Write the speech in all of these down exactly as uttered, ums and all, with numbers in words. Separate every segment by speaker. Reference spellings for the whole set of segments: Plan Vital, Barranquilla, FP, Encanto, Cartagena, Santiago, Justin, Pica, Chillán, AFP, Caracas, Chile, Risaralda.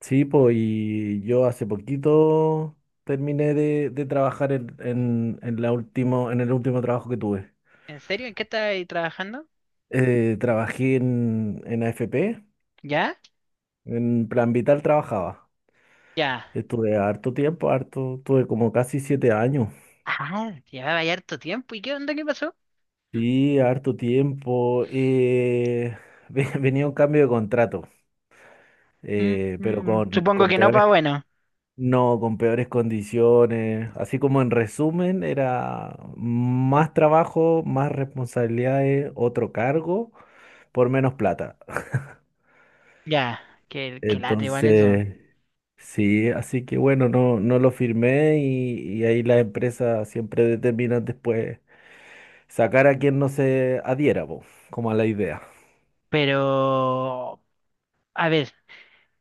Speaker 1: Sí, pues, y yo hace poquito terminé de, de trabajar en, en, en la último, en el último trabajo que tuve.
Speaker 2: ¿En serio? ¿En qué estás ahí trabajando?
Speaker 1: Eh, trabajé en, en A F P,
Speaker 2: ¿Ya?
Speaker 1: en Plan Vital trabajaba.
Speaker 2: Ya.
Speaker 1: Estuve harto tiempo, harto, estuve como casi siete años.
Speaker 2: Ah, llevaba ya harto tiempo. ¿Y qué onda? ¿Qué pasó?
Speaker 1: Sí, harto tiempo. eh, ve- venía un cambio de contrato,
Speaker 2: Mm,
Speaker 1: eh, pero
Speaker 2: mm,
Speaker 1: con,
Speaker 2: supongo
Speaker 1: con
Speaker 2: que no,
Speaker 1: peores,
Speaker 2: pa' bueno.
Speaker 1: no, con peores condiciones. Así como en resumen, era más trabajo, más responsabilidades, otro cargo, por menos plata.
Speaker 2: Ya, que, que late igual eso.
Speaker 1: Entonces, sí, así que bueno, no, no lo firmé y, y ahí las empresas siempre determinan después sacar a quien no se adhiera, po, como a la idea.
Speaker 2: Pero, a ver,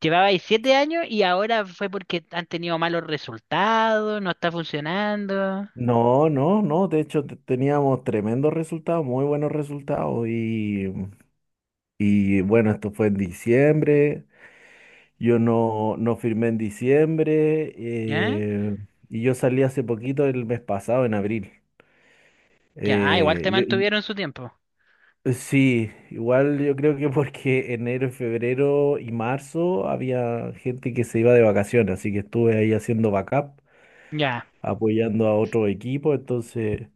Speaker 2: llevaba ahí siete años y ahora fue porque han tenido malos resultados, no está funcionando.
Speaker 1: No, no, no, de hecho te- teníamos tremendos resultados, muy buenos resultados y, y bueno, esto fue en diciembre. Yo no, no firmé en diciembre
Speaker 2: ¿Ya?
Speaker 1: eh, y yo salí hace poquito el mes pasado, en abril.
Speaker 2: Ya, ah, igual
Speaker 1: Eh,
Speaker 2: te
Speaker 1: yo- y-
Speaker 2: mantuvieron su tiempo.
Speaker 1: eh, sí, igual yo creo que porque enero, febrero y marzo había gente que se iba de vacaciones, así que estuve ahí haciendo backup,
Speaker 2: Ya.
Speaker 1: apoyando a otro equipo, entonces,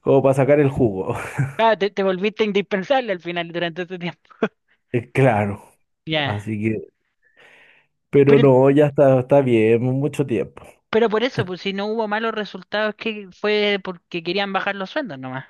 Speaker 1: como para sacar el jugo.
Speaker 2: Ah, te, te volviste indispensable al final durante ese tiempo.
Speaker 1: Eh, Claro,
Speaker 2: Ya.
Speaker 1: así que, pero
Speaker 2: Pero
Speaker 1: no, ya está, está bien, mucho tiempo.
Speaker 2: Pero por eso, pues si no hubo malos resultados, que fue porque querían bajar los sueldos nomás.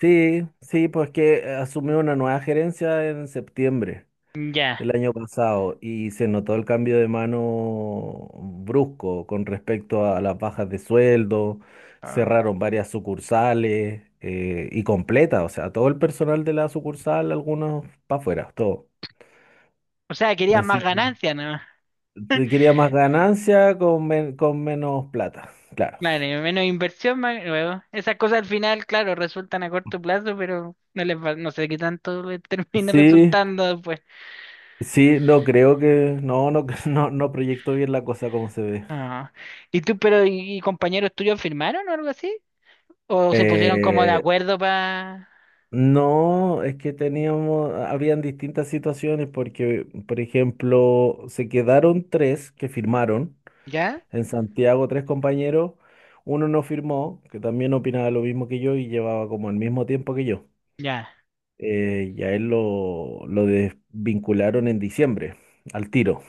Speaker 1: Sí, sí, pues que asumió una nueva gerencia en septiembre
Speaker 2: Ya.
Speaker 1: del año pasado y se notó el cambio de mano brusco con respecto a las bajas de sueldo,
Speaker 2: Ah.
Speaker 1: cerraron varias sucursales eh, y completa, o sea, todo el personal de la sucursal, algunos para afuera, todo.
Speaker 2: O sea, querían más
Speaker 1: Así que
Speaker 2: ganancias nomás.
Speaker 1: te quería más ganancia con, men- con menos plata, claro.
Speaker 2: Claro, y menos inversión, más luego. Esas cosas al final, claro, resultan a corto plazo, pero no les va, no sé qué tanto les termine
Speaker 1: Sí,
Speaker 2: resultando después.
Speaker 1: sí, no creo que, no, no, no, no proyecto bien la cosa como se ve.
Speaker 2: Ah. ¿Y tú, pero, y, y compañeros tuyos firmaron o algo así? ¿O se pusieron como de
Speaker 1: Eh,
Speaker 2: acuerdo para...
Speaker 1: No, es que teníamos, habían distintas situaciones porque, por ejemplo, se quedaron tres que firmaron,
Speaker 2: ¿Ya?
Speaker 1: en Santiago tres compañeros, uno no firmó, que también opinaba lo mismo que yo y llevaba como el mismo tiempo que yo.
Speaker 2: Ya.
Speaker 1: Eh, y a él lo, lo desvincularon en diciembre, al tiro.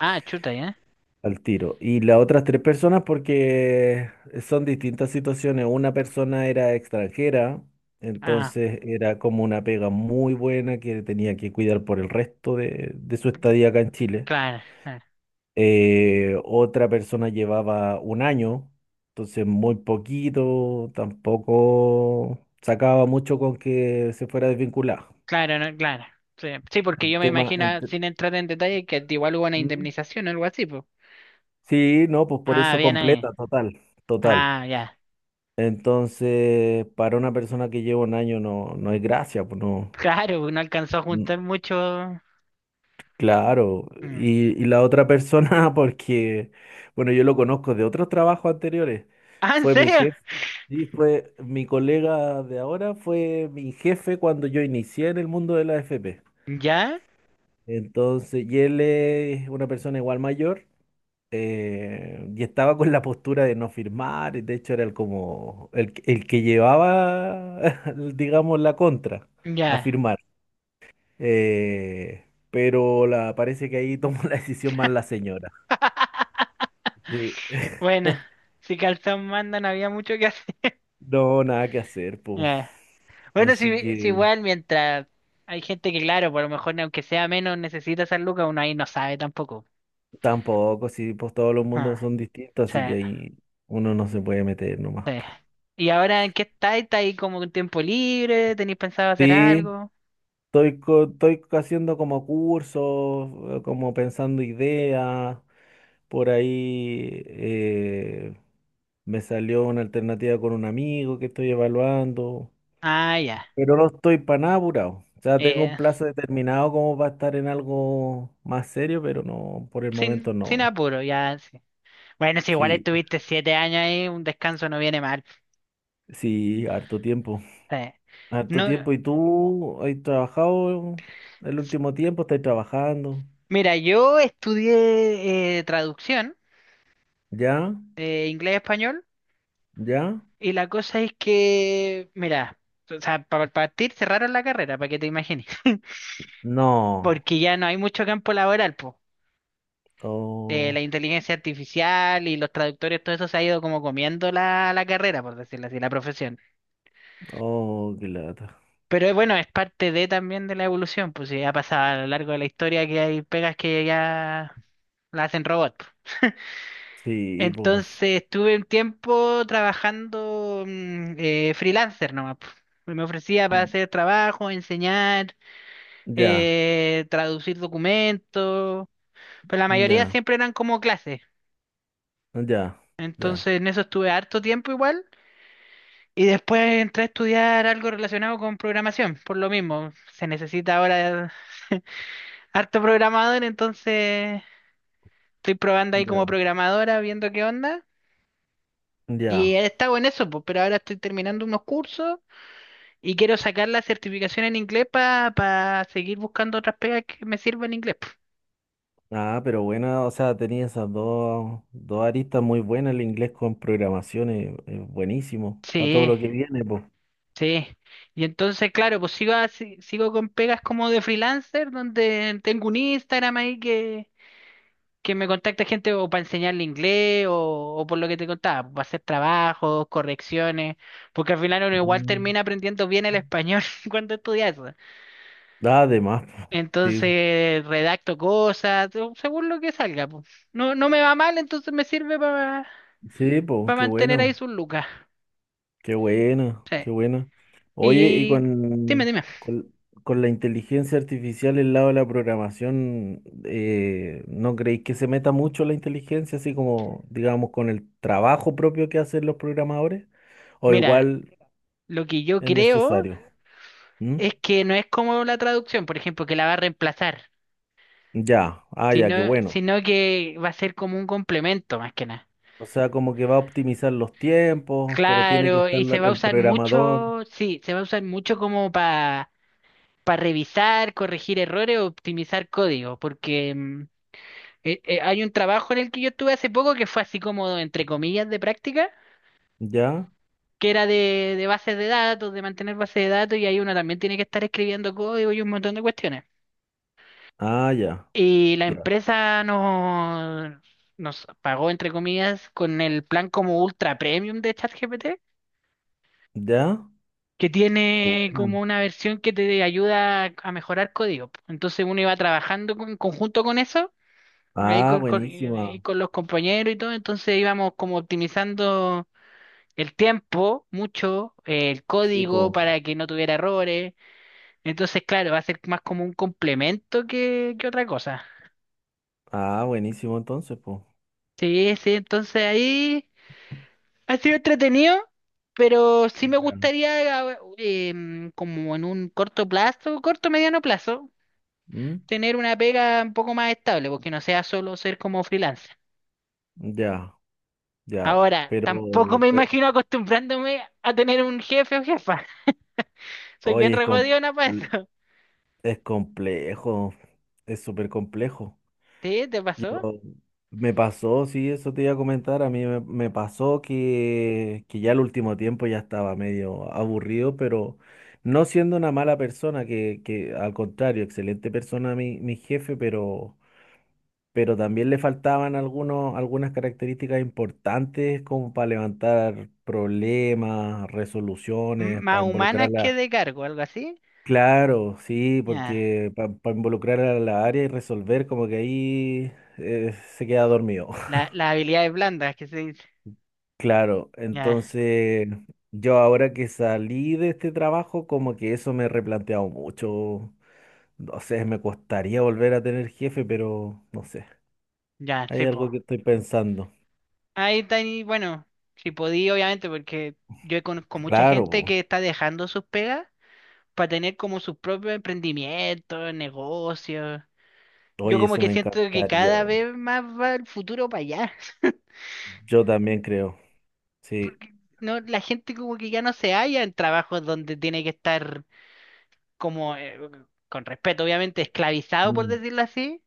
Speaker 2: Ah, chuta, ¿ya?
Speaker 1: Al tiro. Y las otras tres personas porque son distintas situaciones. Una persona era extranjera,
Speaker 2: Ah,
Speaker 1: entonces era como una pega muy buena que tenía que cuidar por el resto de, de su estadía acá en Chile.
Speaker 2: claro, claro.
Speaker 1: Eh, otra persona llevaba un año, entonces muy poquito, tampoco sacaba mucho con que se fuera desvinculado.
Speaker 2: Claro, no, claro. Sí, sí, porque yo
Speaker 1: El
Speaker 2: me
Speaker 1: tema, el
Speaker 2: imagino,
Speaker 1: te-
Speaker 2: sin entrar en detalle, que igual hubo una
Speaker 1: ¿mm?
Speaker 2: indemnización o algo así, pues.
Speaker 1: Sí, no, pues por
Speaker 2: Ah,
Speaker 1: eso
Speaker 2: bien ahí.
Speaker 1: completa, total, total.
Speaker 2: Ah, ya.
Speaker 1: Entonces, para una persona que lleva un año no, no es gracia, pues no.
Speaker 2: Claro, no alcanzó a juntar
Speaker 1: n-
Speaker 2: mucho.
Speaker 1: Claro.
Speaker 2: Mm.
Speaker 1: Y, y la otra persona, porque, bueno, yo lo conozco de otros trabajos anteriores,
Speaker 2: Ah, ¿en
Speaker 1: fue mi
Speaker 2: serio?
Speaker 1: jefe. Sí, fue mi colega de ahora, fue mi jefe cuando yo inicié en el mundo de la F P.
Speaker 2: ¿Ya?
Speaker 1: Entonces, y él es una persona igual mayor. Eh, y estaba con la postura de no firmar, y de hecho era el como el, que- el que llevaba, digamos, la contra a
Speaker 2: Ya.
Speaker 1: firmar. Eh, pero la, parece que ahí tomó la decisión más la señora. Sí,
Speaker 2: Bueno, si calzón manda, no había mucho que hacer.
Speaker 1: no, nada que hacer, pues.
Speaker 2: Ya. Bueno,
Speaker 1: Así
Speaker 2: si, si
Speaker 1: que
Speaker 2: igual mientras hay gente que, claro, por lo mejor aunque sea menos, necesita San Lucas, uno ahí no sabe tampoco.
Speaker 1: tampoco, si pues todos los
Speaker 2: Ah,
Speaker 1: mundos son distintos,
Speaker 2: sí.
Speaker 1: así que ahí uno no se puede meter nomás,
Speaker 2: Sí.
Speaker 1: po.
Speaker 2: ¿Y ahora en qué estáis? ¿Estáis como con tiempo libre? ¿Tenéis pensado hacer
Speaker 1: Sí,
Speaker 2: algo?
Speaker 1: estoy, co- estoy haciendo como cursos, eh, como pensando ideas. Por ahí eh, me salió una alternativa con un amigo que estoy evaluando,
Speaker 2: Ah, ya.
Speaker 1: pero no estoy para nada apurado. O sea, tengo un
Speaker 2: Eh,
Speaker 1: plazo determinado como para estar en algo más serio, pero no, por el momento
Speaker 2: sin, sin
Speaker 1: no.
Speaker 2: apuro, ya, sí. Bueno, si igual
Speaker 1: Sí,
Speaker 2: estuviste siete años ahí, un descanso no viene mal.
Speaker 1: sí, harto tiempo.
Speaker 2: Sí.
Speaker 1: Harto
Speaker 2: No,
Speaker 1: tiempo. ¿Y tú has trabajado el último tiempo? ¿Estás trabajando?
Speaker 2: mira, yo estudié eh, traducción,
Speaker 1: ¿Ya?
Speaker 2: eh, inglés-español,
Speaker 1: ¿Ya?
Speaker 2: y la cosa es que, mira, o sea, para partir cerraron la carrera, para que te imagines,
Speaker 1: No.
Speaker 2: porque ya no hay mucho campo laboral, pues. Eh, la
Speaker 1: Oh,
Speaker 2: inteligencia artificial y los traductores, todo eso se ha ido como comiendo la, la carrera, por decirlo así, la profesión.
Speaker 1: oh, qué lata.
Speaker 2: Pero eh, bueno, es parte de también de la evolución, pues ya ha pasado a lo largo de la historia que hay pegas que ya la hacen robot, pues.
Speaker 1: Sí, pues.
Speaker 2: Entonces estuve un tiempo trabajando mm, eh, freelancer nomás, pues. Me ofrecía para hacer trabajo, enseñar,
Speaker 1: Ya,
Speaker 2: eh, traducir documentos, pero la mayoría
Speaker 1: ya.
Speaker 2: siempre eran como clases.
Speaker 1: Ya, ya,
Speaker 2: Entonces en eso estuve harto tiempo igual. Y después entré a estudiar algo relacionado con programación, por lo mismo. Se necesita ahora harto programador, entonces estoy probando ahí como
Speaker 1: ya,
Speaker 2: programadora, viendo qué onda. Y
Speaker 1: ya.
Speaker 2: he estado en eso, pues, pero ahora estoy terminando unos cursos y quiero sacar la certificación en inglés para seguir buscando otras pegas que me sirvan en inglés, po.
Speaker 1: Ah, pero buena, o sea, tenía esas dos, dos aristas muy buenas, el inglés con programación es, es buenísimo, para todo
Speaker 2: Sí,
Speaker 1: lo que viene, pues.
Speaker 2: sí. Y entonces, claro, pues sigo, así- sigo con pegas como de freelancer, donde tengo un Instagram ahí que que me contacta gente o para enseñarle inglés o, o por lo que te contaba, para hacer trabajos, correcciones, porque al final uno igual termina aprendiendo bien el español cuando estudia eso.
Speaker 1: Además, po. Sí,
Speaker 2: Entonces redacto cosas, o según lo que salga, po. No, no me va mal, entonces me sirve para
Speaker 1: sí, pues, qué
Speaker 2: mantener ahí
Speaker 1: bueno,
Speaker 2: sus lucas.
Speaker 1: qué bueno, qué bueno. Oye, y
Speaker 2: Y dime,
Speaker 1: con,
Speaker 2: dime.
Speaker 1: con, con la inteligencia artificial el lado de la programación, eh, ¿no creéis que se meta mucho la inteligencia, así como, digamos, con el trabajo propio que hacen los programadores? O
Speaker 2: Mira,
Speaker 1: igual
Speaker 2: lo que yo
Speaker 1: es
Speaker 2: creo
Speaker 1: necesario. ¿Mm?
Speaker 2: es que no es como la traducción, por ejemplo, que la va a reemplazar,
Speaker 1: Ya, ah, ya,
Speaker 2: sino,
Speaker 1: qué bueno.
Speaker 2: sino que va a ser como un complemento más que nada.
Speaker 1: O sea, como que va a optimizar los tiempos, pero tiene que
Speaker 2: Claro,
Speaker 1: estar
Speaker 2: y se
Speaker 1: la-
Speaker 2: va a
Speaker 1: el
Speaker 2: usar
Speaker 1: programador.
Speaker 2: mucho, sí, se va a usar mucho como para revisar, corregir errores, optimizar código, porque mm, eh, eh, hay un trabajo en el que yo estuve hace poco que fue así como, entre comillas, de práctica,
Speaker 1: Ya,
Speaker 2: que era de, de bases de datos, de mantener bases de datos, y ahí uno también tiene que estar escribiendo código y un montón de cuestiones.
Speaker 1: ah, ya,
Speaker 2: Y la
Speaker 1: ya,
Speaker 2: empresa nos, nos pagó, entre comillas, con el plan como ultra premium de ChatGPT,
Speaker 1: ya.
Speaker 2: que
Speaker 1: Qué
Speaker 2: tiene
Speaker 1: bueno.
Speaker 2: como una versión que te ayuda a mejorar código. Entonces uno iba trabajando con- en conjunto con eso, ahí
Speaker 1: Ah,
Speaker 2: con, con- ahí
Speaker 1: buenísima.
Speaker 2: con los compañeros y todo, entonces íbamos como optimizando el tiempo mucho, eh, el
Speaker 1: Sí,
Speaker 2: código
Speaker 1: po.
Speaker 2: para que no tuviera errores. Entonces, claro, va a ser más como un complemento que, que otra cosa.
Speaker 1: Ah, buenísimo entonces, pues.
Speaker 2: Sí, sí, entonces ahí ha sido entretenido. Pero sí me
Speaker 1: Ya.
Speaker 2: gustaría, eh, em, como en un corto plazo, corto mediano plazo,
Speaker 1: ¿Mm?
Speaker 2: tener una pega un poco más estable, porque no sea solo ser como freelancer.
Speaker 1: Ya, ya.
Speaker 2: Ahora,
Speaker 1: Pero,
Speaker 2: tampoco me
Speaker 1: pe-
Speaker 2: imagino acostumbrándome a tener un jefe o jefa. Soy bien
Speaker 1: oye, es, com-
Speaker 2: regodiona para eso.
Speaker 1: es complejo. Es súper complejo.
Speaker 2: ¿Sí? ¿Te pasó?
Speaker 1: Pero me pasó, sí, eso te iba a comentar, a mí me, me pasó que, que ya el último tiempo ya estaba medio aburrido, pero no siendo una mala persona, que, que al contrario, excelente persona mi, mi jefe, pero, pero también le faltaban algunos, algunas características importantes como para levantar problemas,
Speaker 2: M-
Speaker 1: resoluciones,
Speaker 2: más
Speaker 1: para
Speaker 2: humanas que
Speaker 1: involucrarla.
Speaker 2: de cargo, algo así.
Speaker 1: Claro, sí,
Speaker 2: Ya.
Speaker 1: porque para involucrar a la área y resolver, como que ahí eh, se queda dormido.
Speaker 2: La- las habilidades blandas que se dice.
Speaker 1: Claro,
Speaker 2: Ya,
Speaker 1: entonces yo ahora que salí de este trabajo, como que eso me he replanteado mucho. No sé, me costaría volver a tener jefe, pero no sé.
Speaker 2: ya,
Speaker 1: Hay
Speaker 2: sí, po.
Speaker 1: algo que estoy pensando.
Speaker 2: Ahí está, y bueno, si podí, obviamente, porque yo conozco mucha
Speaker 1: Claro,
Speaker 2: gente
Speaker 1: po.
Speaker 2: que está dejando sus pegas para tener como sus propios emprendimientos, negocios. Yo
Speaker 1: Oye,
Speaker 2: como
Speaker 1: eso
Speaker 2: que
Speaker 1: me
Speaker 2: siento que
Speaker 1: encantaría.
Speaker 2: cada vez más va el futuro para allá.
Speaker 1: Yo también creo. Sí.
Speaker 2: Porque no, la gente como que ya no se halla en trabajos donde tiene que estar como, eh, con respeto obviamente, esclavizado por
Speaker 1: Mm.
Speaker 2: decirlo así.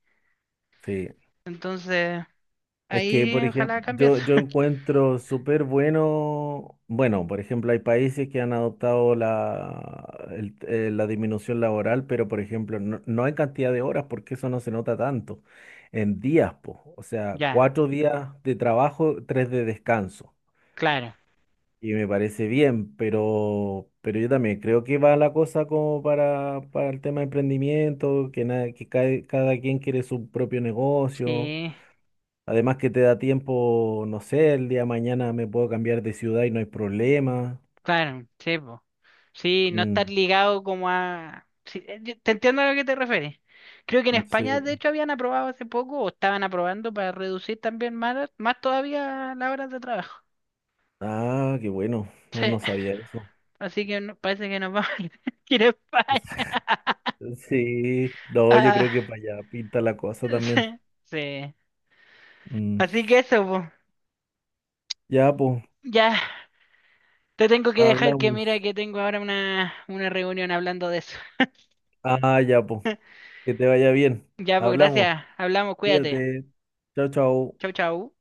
Speaker 1: Sí.
Speaker 2: Entonces,
Speaker 1: Es que, por
Speaker 2: ahí
Speaker 1: ejemplo,
Speaker 2: ojalá cambie
Speaker 1: yo,
Speaker 2: eso.
Speaker 1: yo encuentro súper bueno, bueno, por ejemplo, hay países que han adoptado la, el- eh, la disminución laboral, pero, por ejemplo, no, no en cantidad de horas, porque eso no se nota tanto, en días, po. O sea,
Speaker 2: Ya,
Speaker 1: cuatro días de trabajo, tres de descanso.
Speaker 2: claro.
Speaker 1: Y me parece bien, pero, pero yo también creo que va la cosa como para, para el tema de emprendimiento, que, nada, que cada, cada quien quiere su propio negocio.
Speaker 2: Sí,
Speaker 1: Además que te da tiempo, no sé, el día de mañana me puedo cambiar de ciudad y no hay problema.
Speaker 2: claro, sí, po. Sí, no estar
Speaker 1: Mm,
Speaker 2: ligado como a... sí, eh, yo te entiendo a lo que te refieres. Creo que en España de
Speaker 1: sí.
Speaker 2: hecho habían aprobado hace poco o estaban aprobando para reducir también más, más todavía las horas de trabajo.
Speaker 1: Ah, qué bueno. No,
Speaker 2: Sí,
Speaker 1: no sabía eso.
Speaker 2: así que no- parece que nos vamos a ir a España.
Speaker 1: Sí, no, yo
Speaker 2: Ah,
Speaker 1: creo que para allá pinta la cosa también.
Speaker 2: sí, sí.
Speaker 1: Mm.
Speaker 2: Así que eso, po.
Speaker 1: Ya, pues,
Speaker 2: Ya, te tengo que dejar que mira
Speaker 1: hablamos.
Speaker 2: que tengo ahora una, una reunión hablando de eso.
Speaker 1: Ah, ya, pues, que te vaya bien.
Speaker 2: Ya, pues
Speaker 1: Hablamos.
Speaker 2: gracias. Hablamos, cuídate.
Speaker 1: Cuídate. Chao, chao.
Speaker 2: Chau, chau.